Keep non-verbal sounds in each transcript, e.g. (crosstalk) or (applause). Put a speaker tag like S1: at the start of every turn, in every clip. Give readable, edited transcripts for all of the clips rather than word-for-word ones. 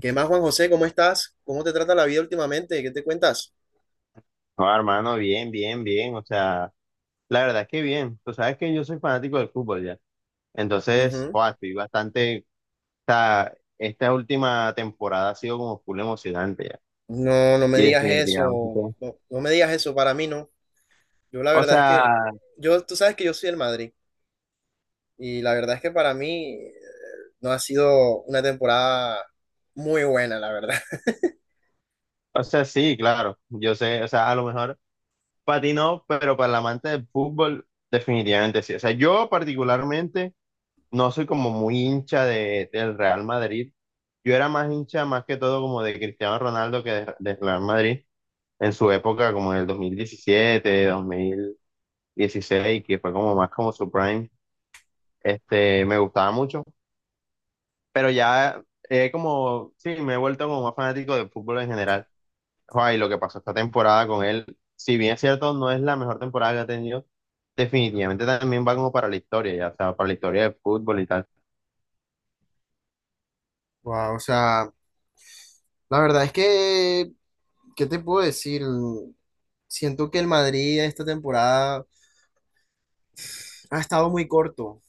S1: ¿Qué más, Juan José? ¿Cómo estás? ¿Cómo te trata la vida últimamente? ¿Qué te cuentas?
S2: No, hermano, bien, bien, bien. O sea, la verdad es que bien. Tú sabes que yo soy fanático del fútbol ya. Entonces,
S1: Ujú.
S2: joa, estoy bastante. O sea, esta última temporada ha sido como full emocionante ya.
S1: No, no me
S2: Y
S1: digas
S2: definitivamente.
S1: eso. No, no me digas eso. Para mí no. Yo la
S2: O
S1: verdad es
S2: sea,
S1: que, yo, tú sabes que yo soy el Madrid y la verdad es que para mí no ha sido una temporada muy buena, la verdad. (laughs)
S2: o sea, sí, claro. Yo sé, o sea, a lo mejor para ti no, pero para el amante del fútbol, definitivamente sí. O sea, yo particularmente no soy como muy hincha del Real Madrid. Yo era más hincha, más que todo, como de Cristiano Ronaldo que del Real Madrid. En su época, como en el 2017, 2016, que fue como más como su prime, me gustaba mucho, pero ya sí, me he vuelto como más fanático del fútbol en general. Joder, y lo que pasó esta temporada con él, si bien es cierto, no es la mejor temporada que ha tenido, definitivamente también va como para la historia, ya, o sea, para la historia del fútbol y tal.
S1: Wow, o sea, la verdad es que, ¿qué te puedo decir? Siento que el Madrid esta temporada ha estado muy corto.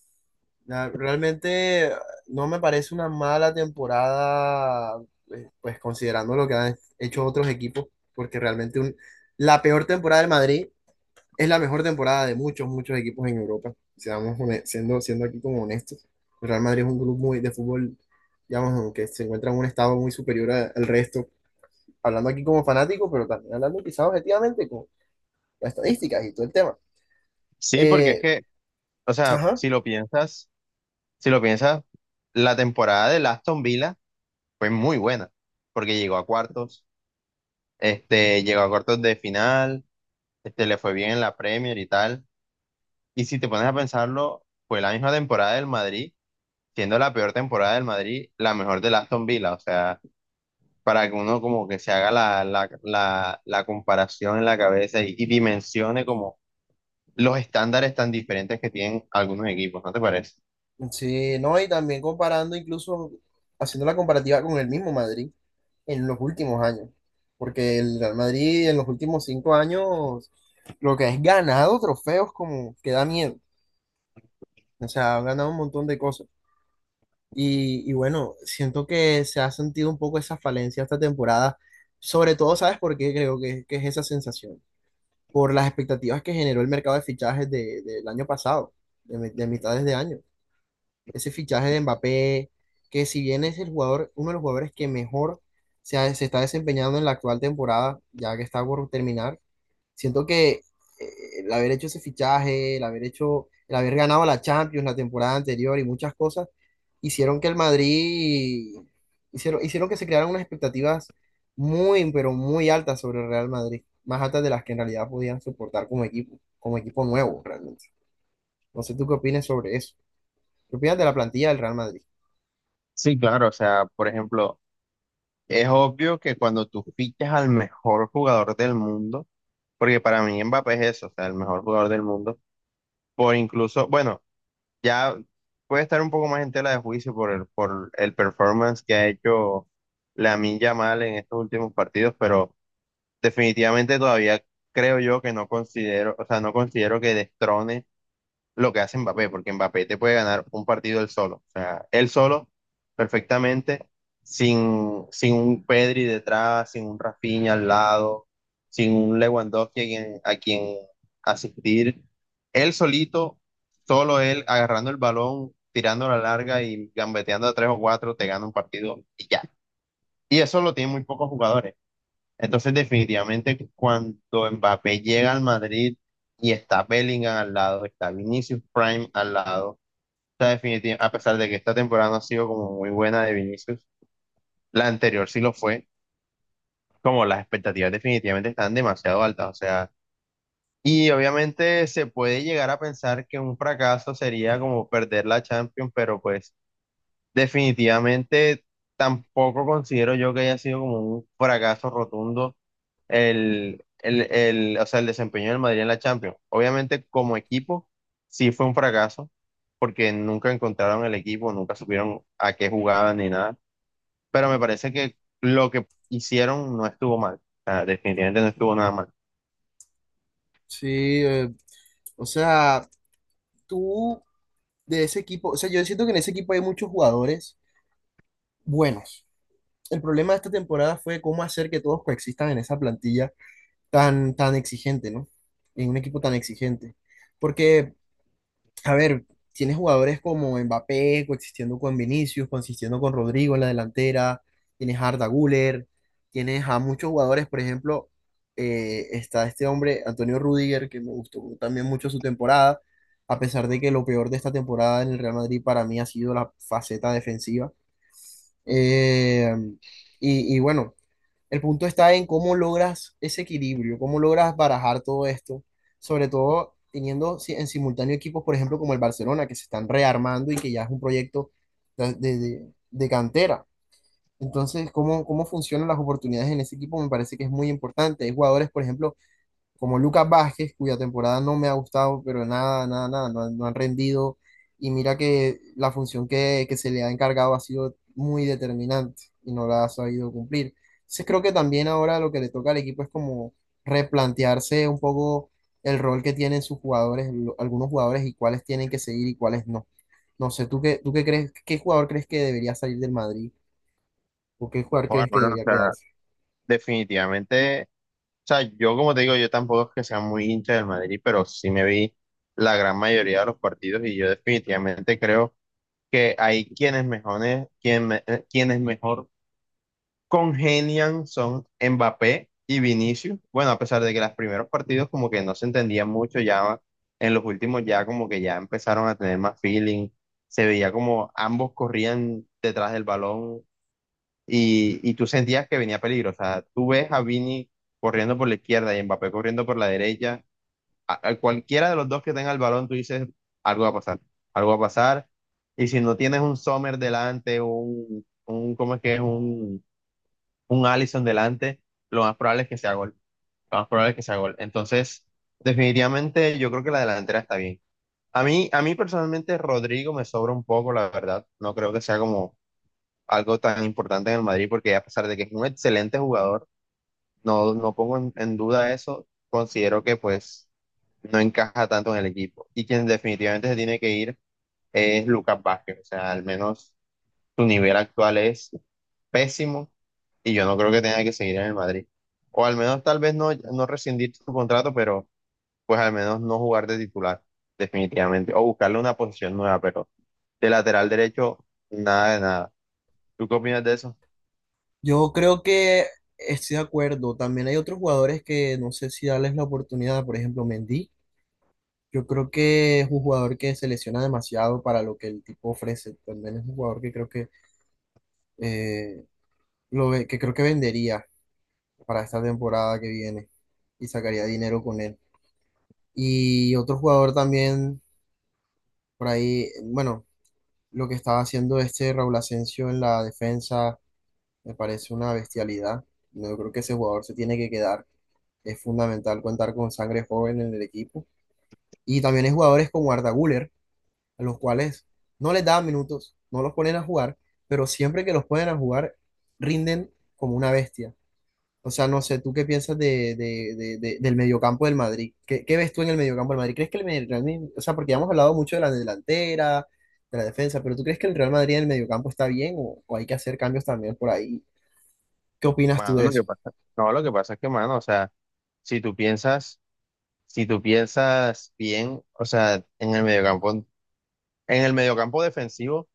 S1: Realmente no me parece una mala temporada, pues considerando lo que han hecho otros equipos, porque la peor temporada del Madrid es la mejor temporada de muchos, muchos equipos en Europa. Siendo, siendo aquí como honestos, el Real Madrid es un club muy de fútbol, digamos, aunque se encuentra en un estado muy superior al resto, hablando aquí como fanático, pero también hablando quizás objetivamente con las estadísticas y todo el tema.
S2: Sí, porque es
S1: Eh,
S2: que, o sea,
S1: ajá,
S2: si lo piensas, si lo piensas, la temporada del Aston Villa fue muy buena, porque llegó a cuartos llegó a cuartos de final, le fue bien en la Premier y tal. Y si te pones a pensarlo, fue la misma temporada del Madrid, siendo la peor temporada del Madrid, la mejor del Aston Villa. O sea, para que uno como que se haga la comparación en la cabeza y dimensione como los estándares tan diferentes que tienen algunos equipos, ¿no te parece?
S1: sí, no, y también comparando, incluso haciendo la comparativa con el mismo Madrid en los últimos años, porque el Real Madrid en los últimos 5 años lo que es ganado trofeos como que da miedo, o sea, ha ganado un montón de cosas. Y bueno, siento que se ha sentido un poco esa falencia esta temporada, sobre todo, ¿sabes por qué creo que es esa sensación? Por las expectativas que generó el mercado de fichajes del año pasado, de, de mitades de año. Ese fichaje de Mbappé, que si bien es el jugador, uno de los jugadores que mejor se está desempeñando en la actual temporada, ya que está por terminar, siento que el haber hecho ese fichaje, el haber hecho, el haber ganado la Champions la temporada anterior y muchas cosas, hicieron que el Madrid, hicieron, hicieron que se crearan unas expectativas muy, pero muy altas sobre el Real Madrid, más altas de las que en realidad podían soportar como equipo nuevo realmente. No sé tú qué opinas sobre eso. ¿Qué opinas de la plantilla del Real Madrid?
S2: Sí, claro, o sea, por ejemplo, es obvio que cuando tú fichas al mejor jugador del mundo, porque para mí Mbappé es eso, o sea, el mejor jugador del mundo por incluso, bueno, ya puede estar un poco más en tela de juicio por por el performance que ha hecho Lamine Yamal en estos últimos partidos, pero definitivamente todavía creo yo que no considero, o sea, no considero que destrone lo que hace Mbappé, porque Mbappé te puede ganar un partido él solo, o sea, él solo perfectamente, sin un Pedri detrás, sin un Rafinha al lado, sin un Lewandowski a quien asistir, él solito, solo él agarrando el balón, tirando la larga y gambeteando a tres o cuatro, te gana un partido y ya. Y eso lo tienen muy pocos jugadores. Entonces, definitivamente, cuando Mbappé llega al Madrid y está Bellingham al lado, está Vinicius Prime al lado, está a pesar de que esta temporada no ha sido como muy buena de Vinicius, la anterior sí lo fue, como las expectativas definitivamente están demasiado altas, o sea, y obviamente se puede llegar a pensar que un fracaso sería como perder la Champions, pero pues definitivamente tampoco considero yo que haya sido como un fracaso rotundo o sea, el desempeño del Madrid en la Champions. Obviamente, como equipo, sí fue un fracaso, porque nunca encontraron el equipo, nunca supieron a qué jugaban ni nada. Pero me parece que lo que hicieron no estuvo mal. O sea, definitivamente no estuvo nada mal.
S1: Sí, eh, o sea, tú de ese equipo, o sea, yo siento que en ese equipo hay muchos jugadores buenos. El problema de esta temporada fue cómo hacer que todos coexistan en esa plantilla tan, tan exigente, ¿no? En un equipo tan exigente. Porque a ver, tienes jugadores como Mbappé coexistiendo con Vinicius, coexistiendo con Rodrigo en la delantera, tienes a Arda Güler, tienes a muchos jugadores, por ejemplo, está este hombre, Antonio Rudiger, que me gustó también mucho su temporada, a pesar de que lo peor de esta temporada en el Real Madrid para mí ha sido la faceta defensiva. Eh, y bueno. El punto está en cómo logras ese equilibrio, cómo logras barajar todo esto, sobre todo teniendo en simultáneo equipos, por ejemplo, como el Barcelona, que se están rearmando y que ya es un proyecto de, de cantera. Entonces, ¿cómo, cómo funcionan las oportunidades en ese equipo? Me parece que es muy importante. Hay jugadores, por ejemplo, como Lucas Vázquez, cuya temporada no me ha gustado, pero nada, nada, nada, no, han no han rendido. Y mira que la función que se le ha encargado ha sido muy determinante y no la ha sabido cumplir. Entonces creo que también ahora lo que le toca al equipo es como replantearse un poco el rol que tienen sus jugadores, algunos jugadores y cuáles tienen que seguir y cuáles no. No sé, ¿tú qué crees, qué jugador crees que debería salir del Madrid o qué jugador
S2: Joder,
S1: crees que
S2: bueno, o
S1: debería
S2: sea,
S1: quedarse?
S2: definitivamente, o sea, yo como te digo, yo tampoco es que sea muy hincha del Madrid, pero sí me vi la gran mayoría de los partidos y yo definitivamente creo que hay quienes mejores, quienes mejor congenian son Mbappé y Vinicius. Bueno, a pesar de que los primeros partidos como que no se entendían mucho, ya en los últimos ya como que ya empezaron a tener más feeling. Se veía como ambos corrían detrás del balón y tú sentías que venía peligro. O sea, tú ves a Vini corriendo por la izquierda y Mbappé corriendo por la derecha. A cualquiera de los dos que tenga el balón, tú dices, algo va a pasar, algo va a pasar. Y si no tienes un Sommer delante, un ¿cómo es que es? Un Alisson delante, lo más probable es que sea gol. Lo más probable es que sea gol. Entonces, definitivamente yo creo que la delantera está bien. A mí personalmente Rodrigo me sobra un poco, la verdad. No creo que sea como algo tan importante en el Madrid, porque a pesar de que es un excelente jugador, no, no pongo en duda eso. Considero que pues no encaja tanto en el equipo. Y quien definitivamente se tiene que ir es Lucas Vázquez. O sea, al menos su nivel actual es pésimo y yo no creo que tenga que seguir en el Madrid. O al menos tal vez no rescindir su contrato, pero pues al menos no jugar de titular, definitivamente. O buscarle una posición nueva, pero de lateral derecho, nada de nada. ¿Tú qué opinas de eso?
S1: Yo creo que estoy de acuerdo. También hay otros jugadores que no sé si darles la oportunidad. Por ejemplo, Mendy. Yo creo que es un jugador que se lesiona demasiado para lo que el tipo ofrece. También es un jugador que creo que eh, que creo que vendería para esta temporada que viene y sacaría dinero con él. Y otro jugador también por ahí, bueno, lo que estaba haciendo este Raúl Asensio en la defensa me parece una bestialidad. No, yo creo que ese jugador se tiene que quedar. Es fundamental contar con sangre joven en el equipo. Y también hay jugadores como Arda Güler, a los cuales no les dan minutos, no los ponen a jugar, pero siempre que los ponen a jugar, rinden como una bestia. O sea, no sé, ¿tú qué piensas de, del mediocampo del Madrid? ¿Qué, qué ves tú en el mediocampo del Madrid? ¿Crees que el Real Madrid, o sea, porque ya hemos hablado mucho de la delantera, de la defensa, pero ¿tú crees que el Real Madrid en el mediocampo está bien o hay que hacer cambios también por ahí? ¿Qué opinas tú
S2: Mano,
S1: de
S2: lo que
S1: eso?
S2: pasa, no, lo que pasa es que, mano, o sea, si tú piensas, bien, o sea, en el mediocampo defensivo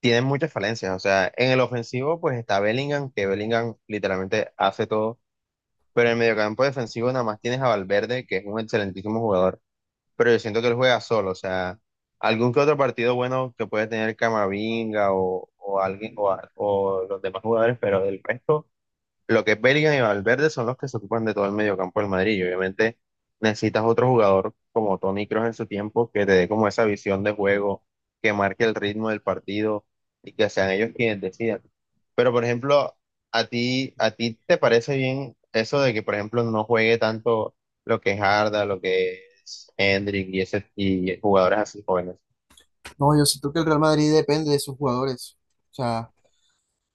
S2: tienen muchas falencias. O sea, en el ofensivo, pues está Bellingham, que Bellingham literalmente hace todo. Pero en el mediocampo defensivo nada más tienes a Valverde, que es un excelentísimo jugador, pero yo siento que él juega solo, o sea, algún que otro partido bueno que puede tener Camavinga o alguien o los demás jugadores, pero del resto lo que es Bellingham y Valverde son los que se ocupan de todo el mediocampo del Madrid. Y obviamente necesitas otro jugador como Toni Kroos en su tiempo que te dé como esa visión de juego, que marque el ritmo del partido y que sean ellos quienes decidan. Pero por ejemplo, a ti te parece bien eso de que por ejemplo no juegue tanto lo que es Arda, lo que es Hendrik y ese y jugadores así jóvenes.
S1: No, yo siento que el Real Madrid depende de sus jugadores. O sea,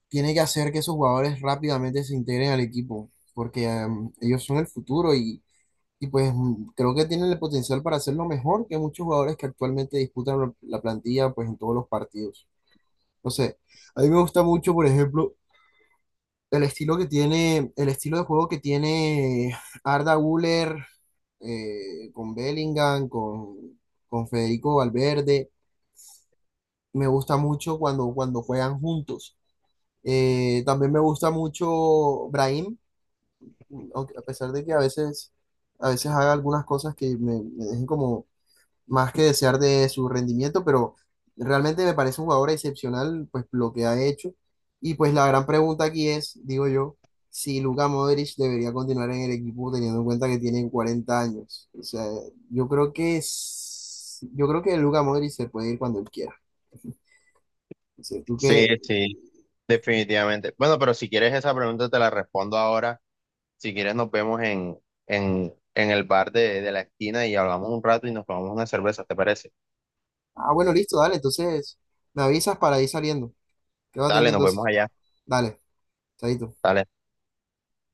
S1: tiene que hacer que esos jugadores rápidamente se integren al equipo, porque ellos son el futuro y pues creo que tienen el potencial para hacerlo mejor que muchos jugadores que actualmente disputan la plantilla pues en todos los partidos. No sé, a mí me gusta mucho, por ejemplo, el estilo que tiene, el estilo de juego que tiene Arda Güler con Bellingham, con Federico Valverde. Me gusta mucho cuando juegan juntos. También me gusta mucho Brahim, a pesar de que a veces haga algunas cosas que me dejen como más que desear de su rendimiento, pero realmente me parece un jugador excepcional, pues lo que ha hecho. Y pues la gran pregunta aquí es, digo yo, si Luka Modric debería continuar en el equipo teniendo en cuenta que tiene 40 años. O sea, yo creo que es, yo creo que Luka Modric se puede ir cuando él quiera. O sea, tú
S2: Sí,
S1: que,
S2: sí, definitivamente. Bueno, pero si quieres esa pregunta te la respondo ahora. Si quieres, nos vemos en el bar de la esquina y hablamos un rato y nos tomamos una cerveza, ¿te parece?
S1: ah, bueno, listo, dale, entonces me avisas para ir saliendo. Qué Quedo atento
S2: Dale, nos
S1: entonces.
S2: vemos allá.
S1: Dale, chaito.
S2: Dale.